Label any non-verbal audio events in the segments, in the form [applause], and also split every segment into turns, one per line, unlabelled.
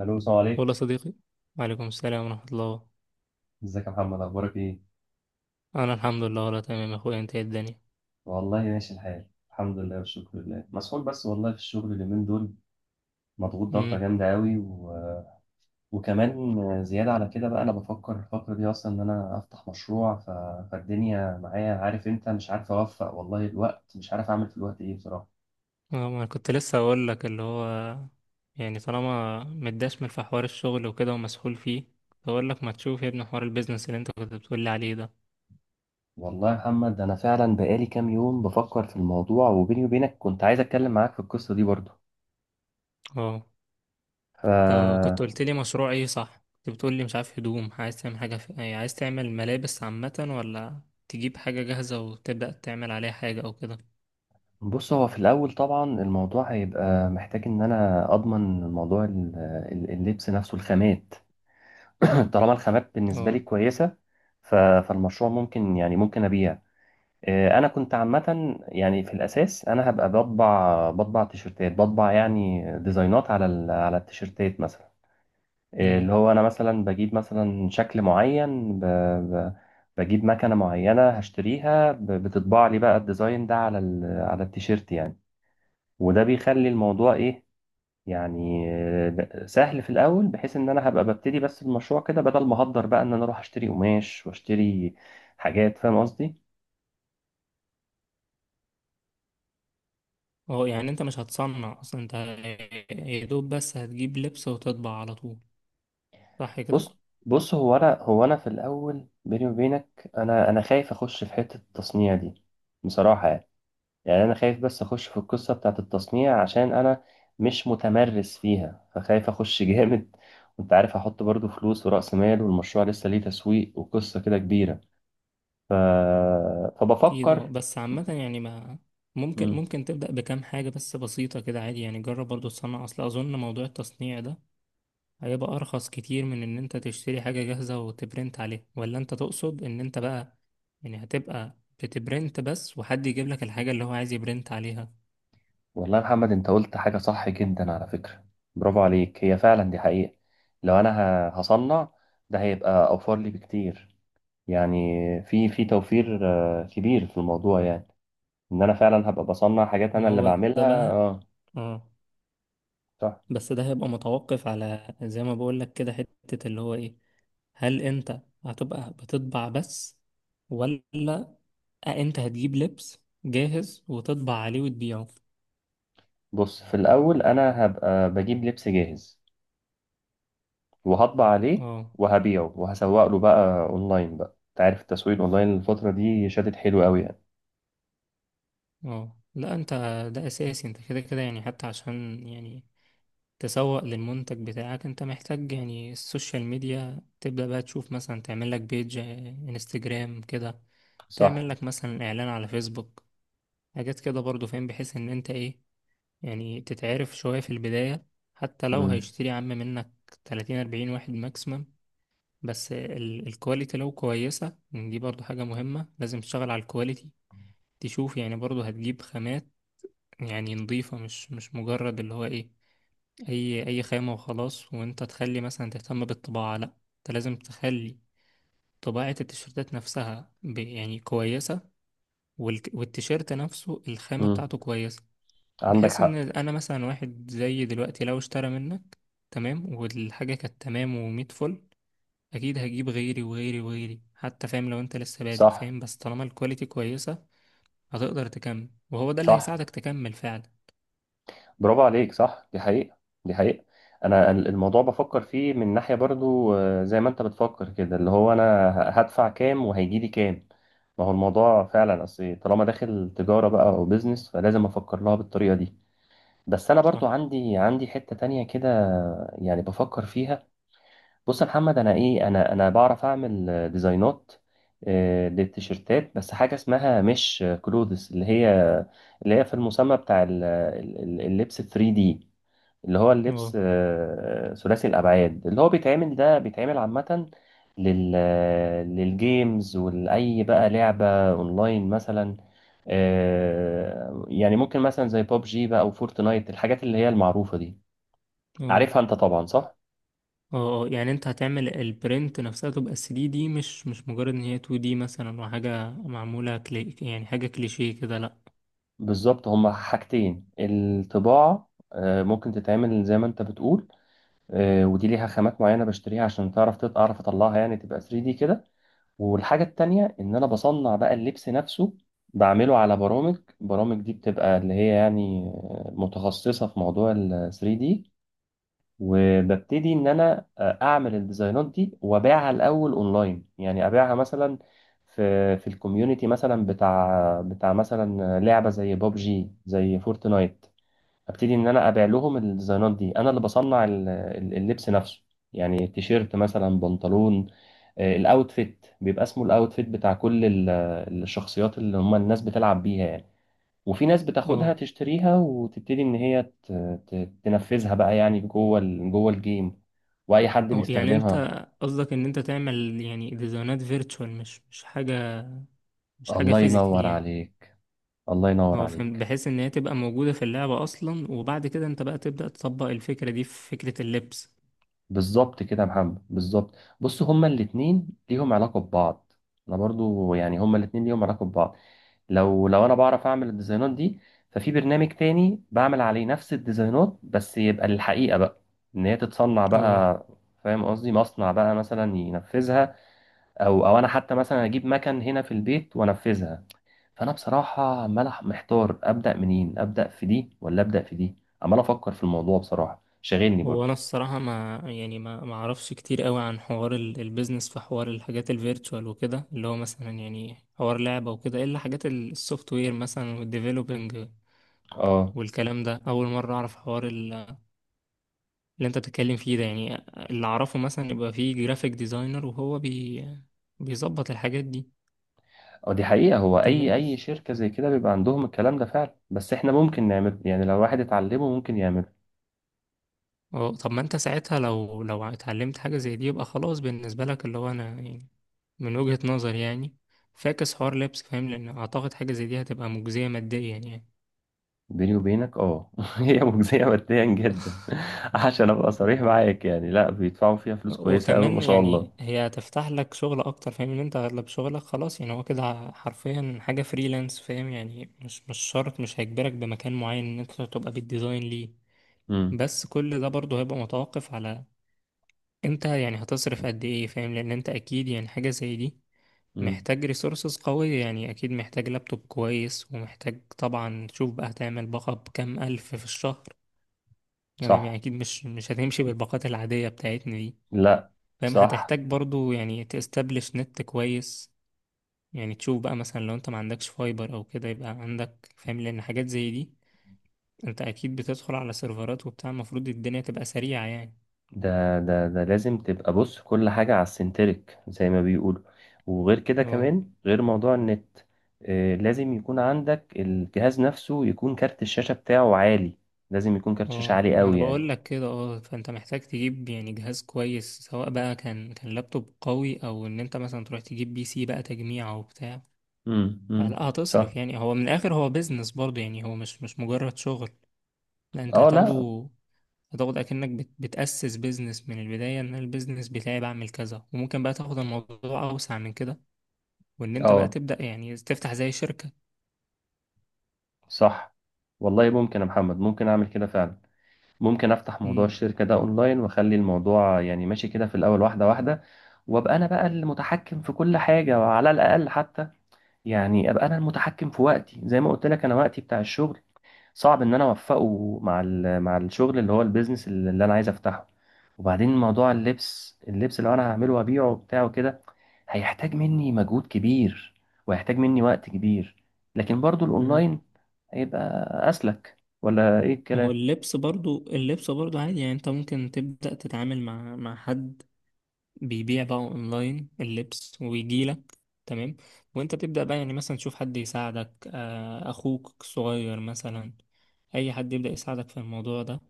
الو، السلام عليكم.
ولا صديقي. وعليكم السلام ورحمة الله.
ازيك يا محمد، اخبارك ايه؟
أنا الحمد لله، ولا تمام يا أخويا، أنت إيه الدنيا؟
والله ماشي الحال، الحمد لله والشكر لله، مسحول بس والله في الشغل اليومين دول، مضغوط ضغطه
امم.
جامده قوي. وكمان زياده على كده بقى انا بفكر الفتره دي اصلا ان انا افتح مشروع. فالدنيا معايا، عارف انت، مش عارف اوفق والله، الوقت مش عارف اعمل في الوقت ايه بصراحه.
اه، ما أنا كنت لسه أقول لك اللي هو، يعني طالما متدشمل في حوار الشغل وكده ومسحول فيه، كنت أقول لك ما تشوف يا ابني حوار البيزنس اللي أنت كنت بتقول لي عليه ده.
والله يا محمد انا فعلا بقالي كام يوم بفكر في الموضوع، وبيني وبينك كنت عايز اتكلم معاك في القصه دي برضه
اه، طب
ف
كنت قلت لي مشروع إيه؟ صح كنت بتقول لي مش عارف هدوم، عايز تعمل حاجة في، يعني عايز تعمل ملابس عامة ولا تجيب حاجة جاهزة وتبدأ تعمل عليها حاجة أو كده؟
بص، هو في الأول طبعا الموضوع هيبقى محتاج إن أنا أضمن موضوع اللبس نفسه، الخامات. [clears throat] طالما الخامات بالنسبة لي
اه.
كويسة، فالمشروع ممكن، يعني ممكن أبيع. أنا كنت عامة يعني في الأساس أنا هبقى بطبع تيشرتات، بطبع يعني ديزاينات على على التيشرتات مثلا. اللي
امم.
هو أنا مثلا بجيب مثلا شكل معين، بجيب مكنة معينة هشتريها، بتطبع لي بقى الديزاين ده على على التيشيرت يعني. وده بيخلي الموضوع ايه، يعني سهل في الاول، بحيث ان انا هبقى ببتدي بس المشروع كده، بدل ما هقدر بقى ان انا اروح اشتري قماش واشتري حاجات، فاهم قصدي.
اه، يعني انت مش هتصنع اصلا انت، يا دوب بس هتجيب لبس وتطبع على طول، صح كده؟
بص بص، هو انا في الاول بيني وبينك، انا خايف اخش في حتة التصنيع دي بصراحة، يعني يعني انا خايف بس اخش في القصة بتاعت التصنيع عشان انا مش متمرس فيها، فخايف اخش [laughs] جامد. وانت عارف، احط برضو فلوس ورأس مال والمشروع لسه ليه تسويق وقصة كده كبيرة ف...
اكيد. اه،
فبفكر.
بس عامة يعني، ما ممكن
مم.
ممكن تبدأ بكام حاجة بس بسيطة كده عادي، يعني جرب برضو تصنع، اصل اظن موضوع التصنيع ده هيبقى ارخص كتير من ان انت تشتري حاجة جاهزة وتبرنت عليها، ولا انت تقصد ان انت بقى يعني هتبقى بتبرنت بس وحد يجيب لك الحاجة اللي هو عايز يبرنت عليها؟
والله يا محمد، انت قلت حاجة صح جدا على فكرة، برافو عليك، هي فعلا دي حقيقة. لو انا هصنع، ده هيبقى اوفر لي بكتير، يعني في توفير كبير في الموضوع، يعني ان انا فعلا هبقى بصنع حاجات
ما
انا اللي
هو ده
بعملها.
بقى.
اه،
اه،
صح.
بس ده هيبقى متوقف على زي ما بقول لك كده، حتة اللي هو ايه، هل انت هتبقى بتطبع بس، ولا انت هتجيب لبس جاهز وتطبع عليه وتبيعه؟
بص، في الاول انا هبقى بجيب لبس جاهز وهطبع عليه
اه.
وهبيعه، وهسوق له بقى اونلاين. بقى انت عارف، التسويق اونلاين الفترة دي شادد حلو قوي يعني.
اه، لا انت، ده اساسي انت كده كده، يعني حتى عشان يعني تسوق للمنتج بتاعك، انت محتاج يعني السوشيال ميديا، تبدأ بقى تشوف مثلا تعمل لك بيج انستجرام كده،
صح.
تعمل لك مثلا اعلان على فيسبوك، حاجات كده برضو فاهم، بحيث ان انت ايه يعني تتعرف شوية في البداية، حتى لو هيشتري يا عم منك 30 40 واحد ماكسيمم. بس الكواليتي لو كويسة دي برضو حاجة مهمة، لازم تشتغل على الكواليتي. تشوف يعني برضو هتجيب خامات يعني نظيفة، مش مجرد اللي هو ايه، اي خامة وخلاص، وانت تخلي مثلا تهتم بالطباعة، لا، انت لازم تخلي طباعة التيشيرتات نفسها يعني كويسة، والتيشيرت نفسه الخامة
امم،
بتاعته كويسة.
عندك
بحيث ان
حق.
انا مثلا واحد زي دلوقتي لو اشترى منك، تمام، والحاجة كانت تمام ومية فل، اكيد هجيب غيري وغيري وغيري حتى. فاهم، لو انت لسه بادئ،
صح،
فاهم، بس طالما الكواليتي كويسة هتقدر تكمل، وهو ده اللي
صح.
هيساعدك تكمل فعلا.
برافو عليك، صح، دي حقيقة، دي حقيقة. أنا الموضوع بفكر فيه من ناحية برضو، زي ما أنت بتفكر كده، اللي هو أنا هدفع كام وهيجي لي كام. ما هو الموضوع فعلا، أصل طالما داخل تجارة بقى أو بيزنس، فلازم أفكر لها بالطريقة دي. بس أنا برضو
صح.
عندي حتة تانية كده يعني بفكر فيها. بص يا محمد، انا ايه، انا بعرف اعمل ديزاينات للتيشيرتات، بس حاجه اسمها مش كلوثس، اللي هي في المسمى بتاع اللبس 3 دي، اللي هو اللبس
اه.
ثلاثي الابعاد اللي هو بيتعمل. ده بيتعمل عامه لل للجيمز، ولاي بقى لعبه اونلاين مثلا. يعني ممكن مثلا زي بوب جي بقى او فورتنايت، الحاجات اللي هي المعروفه دي،
اه.
عارفها انت طبعا، صح.
اه. آه. يعني انت هتعمل البرنت نفسها تبقى 3D، مش مجرد ان هي 2D مثلا وحاجة معمولة كلي، يعني حاجة كليشيه كده، لا.
بالظبط، هما حاجتين: الطباعة ممكن تتعمل زي ما انت بتقول، ودي ليها خامات معينة بشتريها عشان تعرف اعرف اطلعها، يعني تبقى 3D كده. والحاجة التانية ان انا بصنع بقى اللبس نفسه، بعمله على برامج. برامج دي بتبقى اللي هي يعني متخصصة في موضوع ال 3D. وببتدي ان انا اعمل الديزاينات دي وابيعها الاول اونلاين. يعني ابيعها مثلا في الكوميونتي، مثلا بتاع مثلا لعبه زي بابجي، زي فورتنايت. ابتدي ان انا ابيع لهم الديزاينات دي، انا اللي بصنع اللبس نفسه، يعني تيشيرت مثلا، بنطلون. الاوتفيت بيبقى اسمه الاوتفيت بتاع كل الشخصيات اللي هم الناس بتلعب بيها يعني. وفي ناس بتاخدها
اه.
تشتريها وتبتدي ان هي تنفذها بقى، يعني جوه جوه الجيم، واي حد
اه، يعني انت
بيستخدمها.
قصدك ان انت تعمل يعني ديزاينات فيرتشوال، مش حاجة، مش حاجة
الله
فيزيكال
ينور
يعني.
عليك، الله ينور
هو فهم
عليك.
بحيث ان هي تبقى موجودة في اللعبة اصلا، وبعد كده انت بقى تبدأ تطبق الفكرة دي في فكرة اللبس.
بالظبط كده يا محمد، بالظبط. بص، هما الاتنين ليهم علاقة ببعض، انا برضو يعني هما الاتنين ليهم علاقة ببعض. لو انا بعرف اعمل الديزاينات دي، ففي برنامج تاني بعمل عليه نفس الديزاينات بس يبقى للحقيقة بقى، ان هي تتصنع
اه.
بقى، فاهم قصدي، مصنع بقى مثلا ينفذها، او انا حتى مثلا اجيب مكن هنا في البيت وانفذها. فانا بصراحه عمال محتار ابدا منين، ابدا في دي ولا ابدا في دي، عمال افكر في الموضوع بصراحه، شاغلني
هو
برضه.
انا الصراحة، ما يعني ما اعرفش كتير قوي عن حوار البيزنس، في حوار الحاجات الفيرتشوال وكده، اللي هو مثلا يعني حوار لعبة وكده، الا حاجات السوفت وير مثلا والديفلوبينج
اه.
والكلام ده اول مرة اعرف حوار اللي انت بتتكلم فيه ده يعني. اللي اعرفه مثلا يبقى فيه جرافيك ديزاينر، وهو بيظبط الحاجات دي.
اه، دي حقيقه، هو اي
تمام.
اي شركه زي كده بيبقى عندهم الكلام ده فعلا، بس احنا ممكن نعمل، يعني لو واحد اتعلمه ممكن يعمله.
اه، طب ما انت ساعتها لو اتعلمت حاجة زي دي يبقى خلاص بالنسبة لك، اللي هو انا يعني من وجهة نظري يعني، فاكس حوار لبس فاهم، لان اعتقد حاجة زي دي هتبقى مجزية ماديا يعني.
بيني وبينك اه، [laughs] هي مجزيه ماديا جدا. [laughs] عشان ابقى صريح
مم.
معاك يعني، لا، بيدفعوا فيها
[laughs]
فلوس كويسه قوي، ما
وكمان
شاء الله.
يعني هي هتفتح لك شغل اكتر، فاهم ان انت اغلب شغلك خلاص، يعني هو كده حرفيا حاجة فريلانس، فاهم يعني مش شرط، مش هيجبرك بمكان معين ان انت تبقى بالديزاين ليه.
امم،
بس كل ده برضه هيبقى متوقف على انت يعني هتصرف قد ايه، فاهم، لان انت اكيد يعني حاجة زي دي
امم.
محتاج ريسورسز قوية يعني، أكيد محتاج لابتوب كويس، ومحتاج طبعا تشوف بقى هتعمل باقة بكام ألف في الشهر، يعني
صح.
أكيد مش هتمشي بالباقات العادية بتاعتنا دي.
لا،
فاهم،
صح.
هتحتاج برضو يعني تستبلش نت كويس، يعني تشوف بقى مثلا لو أنت ما عندكش فايبر أو كده يبقى عندك، فاهم، لأن حاجات زي دي أنت أكيد بتدخل على سيرفرات وبتاع، المفروض الدنيا تبقى سريعة يعني.
ده لازم تبقى، بص، كل حاجة على السنتريك زي ما بيقولوا. وغير كده،
اه.
كمان غير موضوع النت، لازم يكون عندك الجهاز نفسه، يكون كارت الشاشة بتاعه عالي، لازم يكون كارت شاشة
اه،
عالي
ما انا
قوي يعني.
بقول لك كده. اه، فانت محتاج تجيب يعني جهاز كويس، سواء بقى كان لابتوب قوي، او ان انت مثلا تروح تجيب بي سي بقى تجميع او بتاع.
امم، امم.
فلا
صح.
هتصرف يعني، هو من الاخر هو بيزنس برضه يعني، هو مش مجرد شغل. لا، انت
اه، لا،
هتاخد اكنك بتأسس بيزنس من البداية، ان البيزنس بتاعي بعمل كذا، وممكن بقى تاخد الموضوع اوسع من كده، وان انت بقى
اه،
تبدأ يعني تفتح زي شركة.
صح. والله ممكن يا محمد، ممكن اعمل كده فعلا. ممكن افتح موضوع
امم.
الشركة ده اونلاين، واخلي الموضوع يعني ماشي كده في الاول واحدة واحدة، وابقى انا بقى المتحكم في كل حاجة، وعلى الاقل حتى يعني ابقى انا المتحكم في وقتي. زي ما قلت لك، انا وقتي بتاع الشغل صعب ان انا اوفقه مع مع الشغل اللي هو البيزنس اللي انا عايز افتحه. وبعدين موضوع اللبس، اللبس اللي انا هعمله وابيعه بتاعه كده هيحتاج مني مجهود كبير، وهيحتاج مني وقت كبير. لكن برضو
امم.
الاونلاين هيبقى اسلك، ولا ايه
ما هو
الكلام؟
اللبس برضو، اللبس برضو عادي يعني، انت ممكن تبدأ تتعامل مع حد بيبيع بقى اونلاين اللبس ويجيلك، تمام، وانت تبدأ بقى يعني مثلا تشوف حد يساعدك، اخوك الصغير مثلا، اي حد يبدأ يساعدك في الموضوع ده،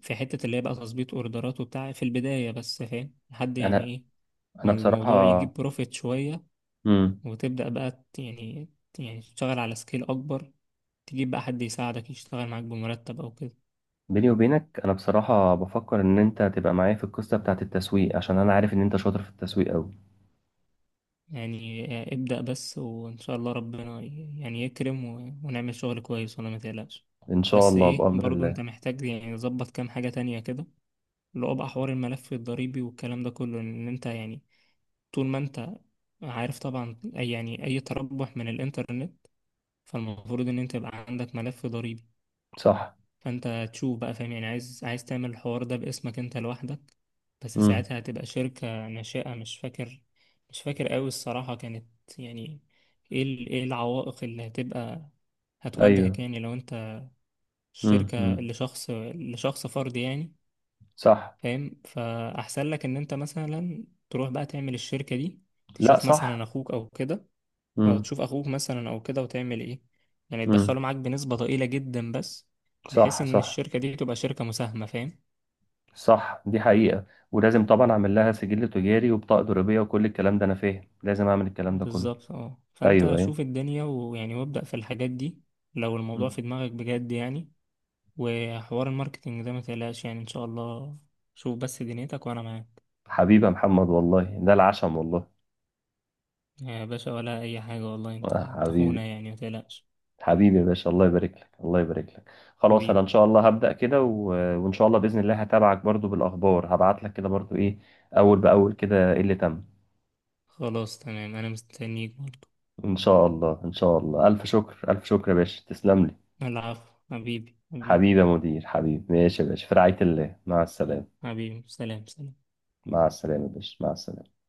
في حتة اللي هي بقى تظبيط اوردرات وبتاع في البداية بس، فاهم لحد يعني
انا
ايه،
انا
ما الموضوع يجيب
بصراحة،
بروفيت شوية،
امم،
وتبدأ بقى يعني تشتغل على سكيل اكبر، تجيب بقى حد يساعدك يشتغل معاك بمرتب او كده.
بيني وبينك انا بصراحة بفكر ان انت تبقى معايا في القصة بتاعت التسويق، عشان انا عارف ان انت شاطر في التسويق قوي.
يعني ابدأ بس وإن شاء الله ربنا يعني يكرم ونعمل شغل كويس، ولا ما تقلقش.
ان شاء
بس
الله
إيه،
بأمر
برضو
الله.
أنت محتاج يعني تظبط كام حاجة تانية كده، اللي هو بقى حوار الملف الضريبي والكلام ده كله، إن أنت يعني طول ما أنت عارف طبعا، أي تربح من الإنترنت فالمفروض إن أنت يبقى عندك ملف ضريبي.
صح.
فانت تشوف بقى، فاهم يعني عايز تعمل الحوار ده باسمك انت لوحدك، بس
امم.
ساعتها هتبقى شركة ناشئة، مش فاكر قوي الصراحة، كانت يعني ايه ايه العوائق اللي هتبقى
ايوه.
هتواجهك يعني لو انت
امم،
شركة
امم.
لشخص فرد يعني.
صح.
فاهم، فأحسن لك ان انت مثلا تروح بقى تعمل الشركة دي،
لا،
تشوف مثلا
صح.
اخوك او كده، او
امم،
تشوف اخوك مثلا او كده، وتعمل ايه، يعني تدخله
امم.
معاك بنسبة ضئيلة جدا بس، بحيث
صح،
ان
صح.
الشركة دي تبقى شركة مساهمة، فاهم.
صح، دي حقيقة. ولازم طبعا اعمل لها سجل تجاري وبطاقة ضريبية وكل الكلام ده، انا فاهم لازم اعمل الكلام ده كله.
بالظبط، اه، فانت
ايوه، ايوه.
شوف الدنيا ويعني وابدأ في الحاجات دي، لو الموضوع
مم.
في دماغك بجد يعني. وحوار الماركتينج ده ما تقلقش يعني، ان شاء الله، شوف بس دنيتك وانا معاك.
حبيبي يا محمد، والله ده العشم والله.
يا باشا، ولا اي حاجة، والله انت انت اخونا
حبيبي،
يعني ما تقلقش.
حبيبي يا باشا، الله يبارك لك، الله يبارك لك. خلاص، انا
حبيبي.
ان شاء الله هبدأ كده. وان شاء الله بإذن الله هتابعك برضو بالاخبار، هبعت لك كده برضو ايه اول باول كده، ايه اللي تم.
خلاص تمام، انا مستنيك برضه.
إن شاء الله، إن شاء الله. ألف شكر، ألف شكر يا باشا، تسلم لي.
العفو حبيبي. حبيبي.
حبيبي يا مدير، حبيبي، ماشي يا باشا، في رعاية الله، مع السلامة.
حبيبي. سلام سلام.
مع السلامة يا باشا، مع السلامة.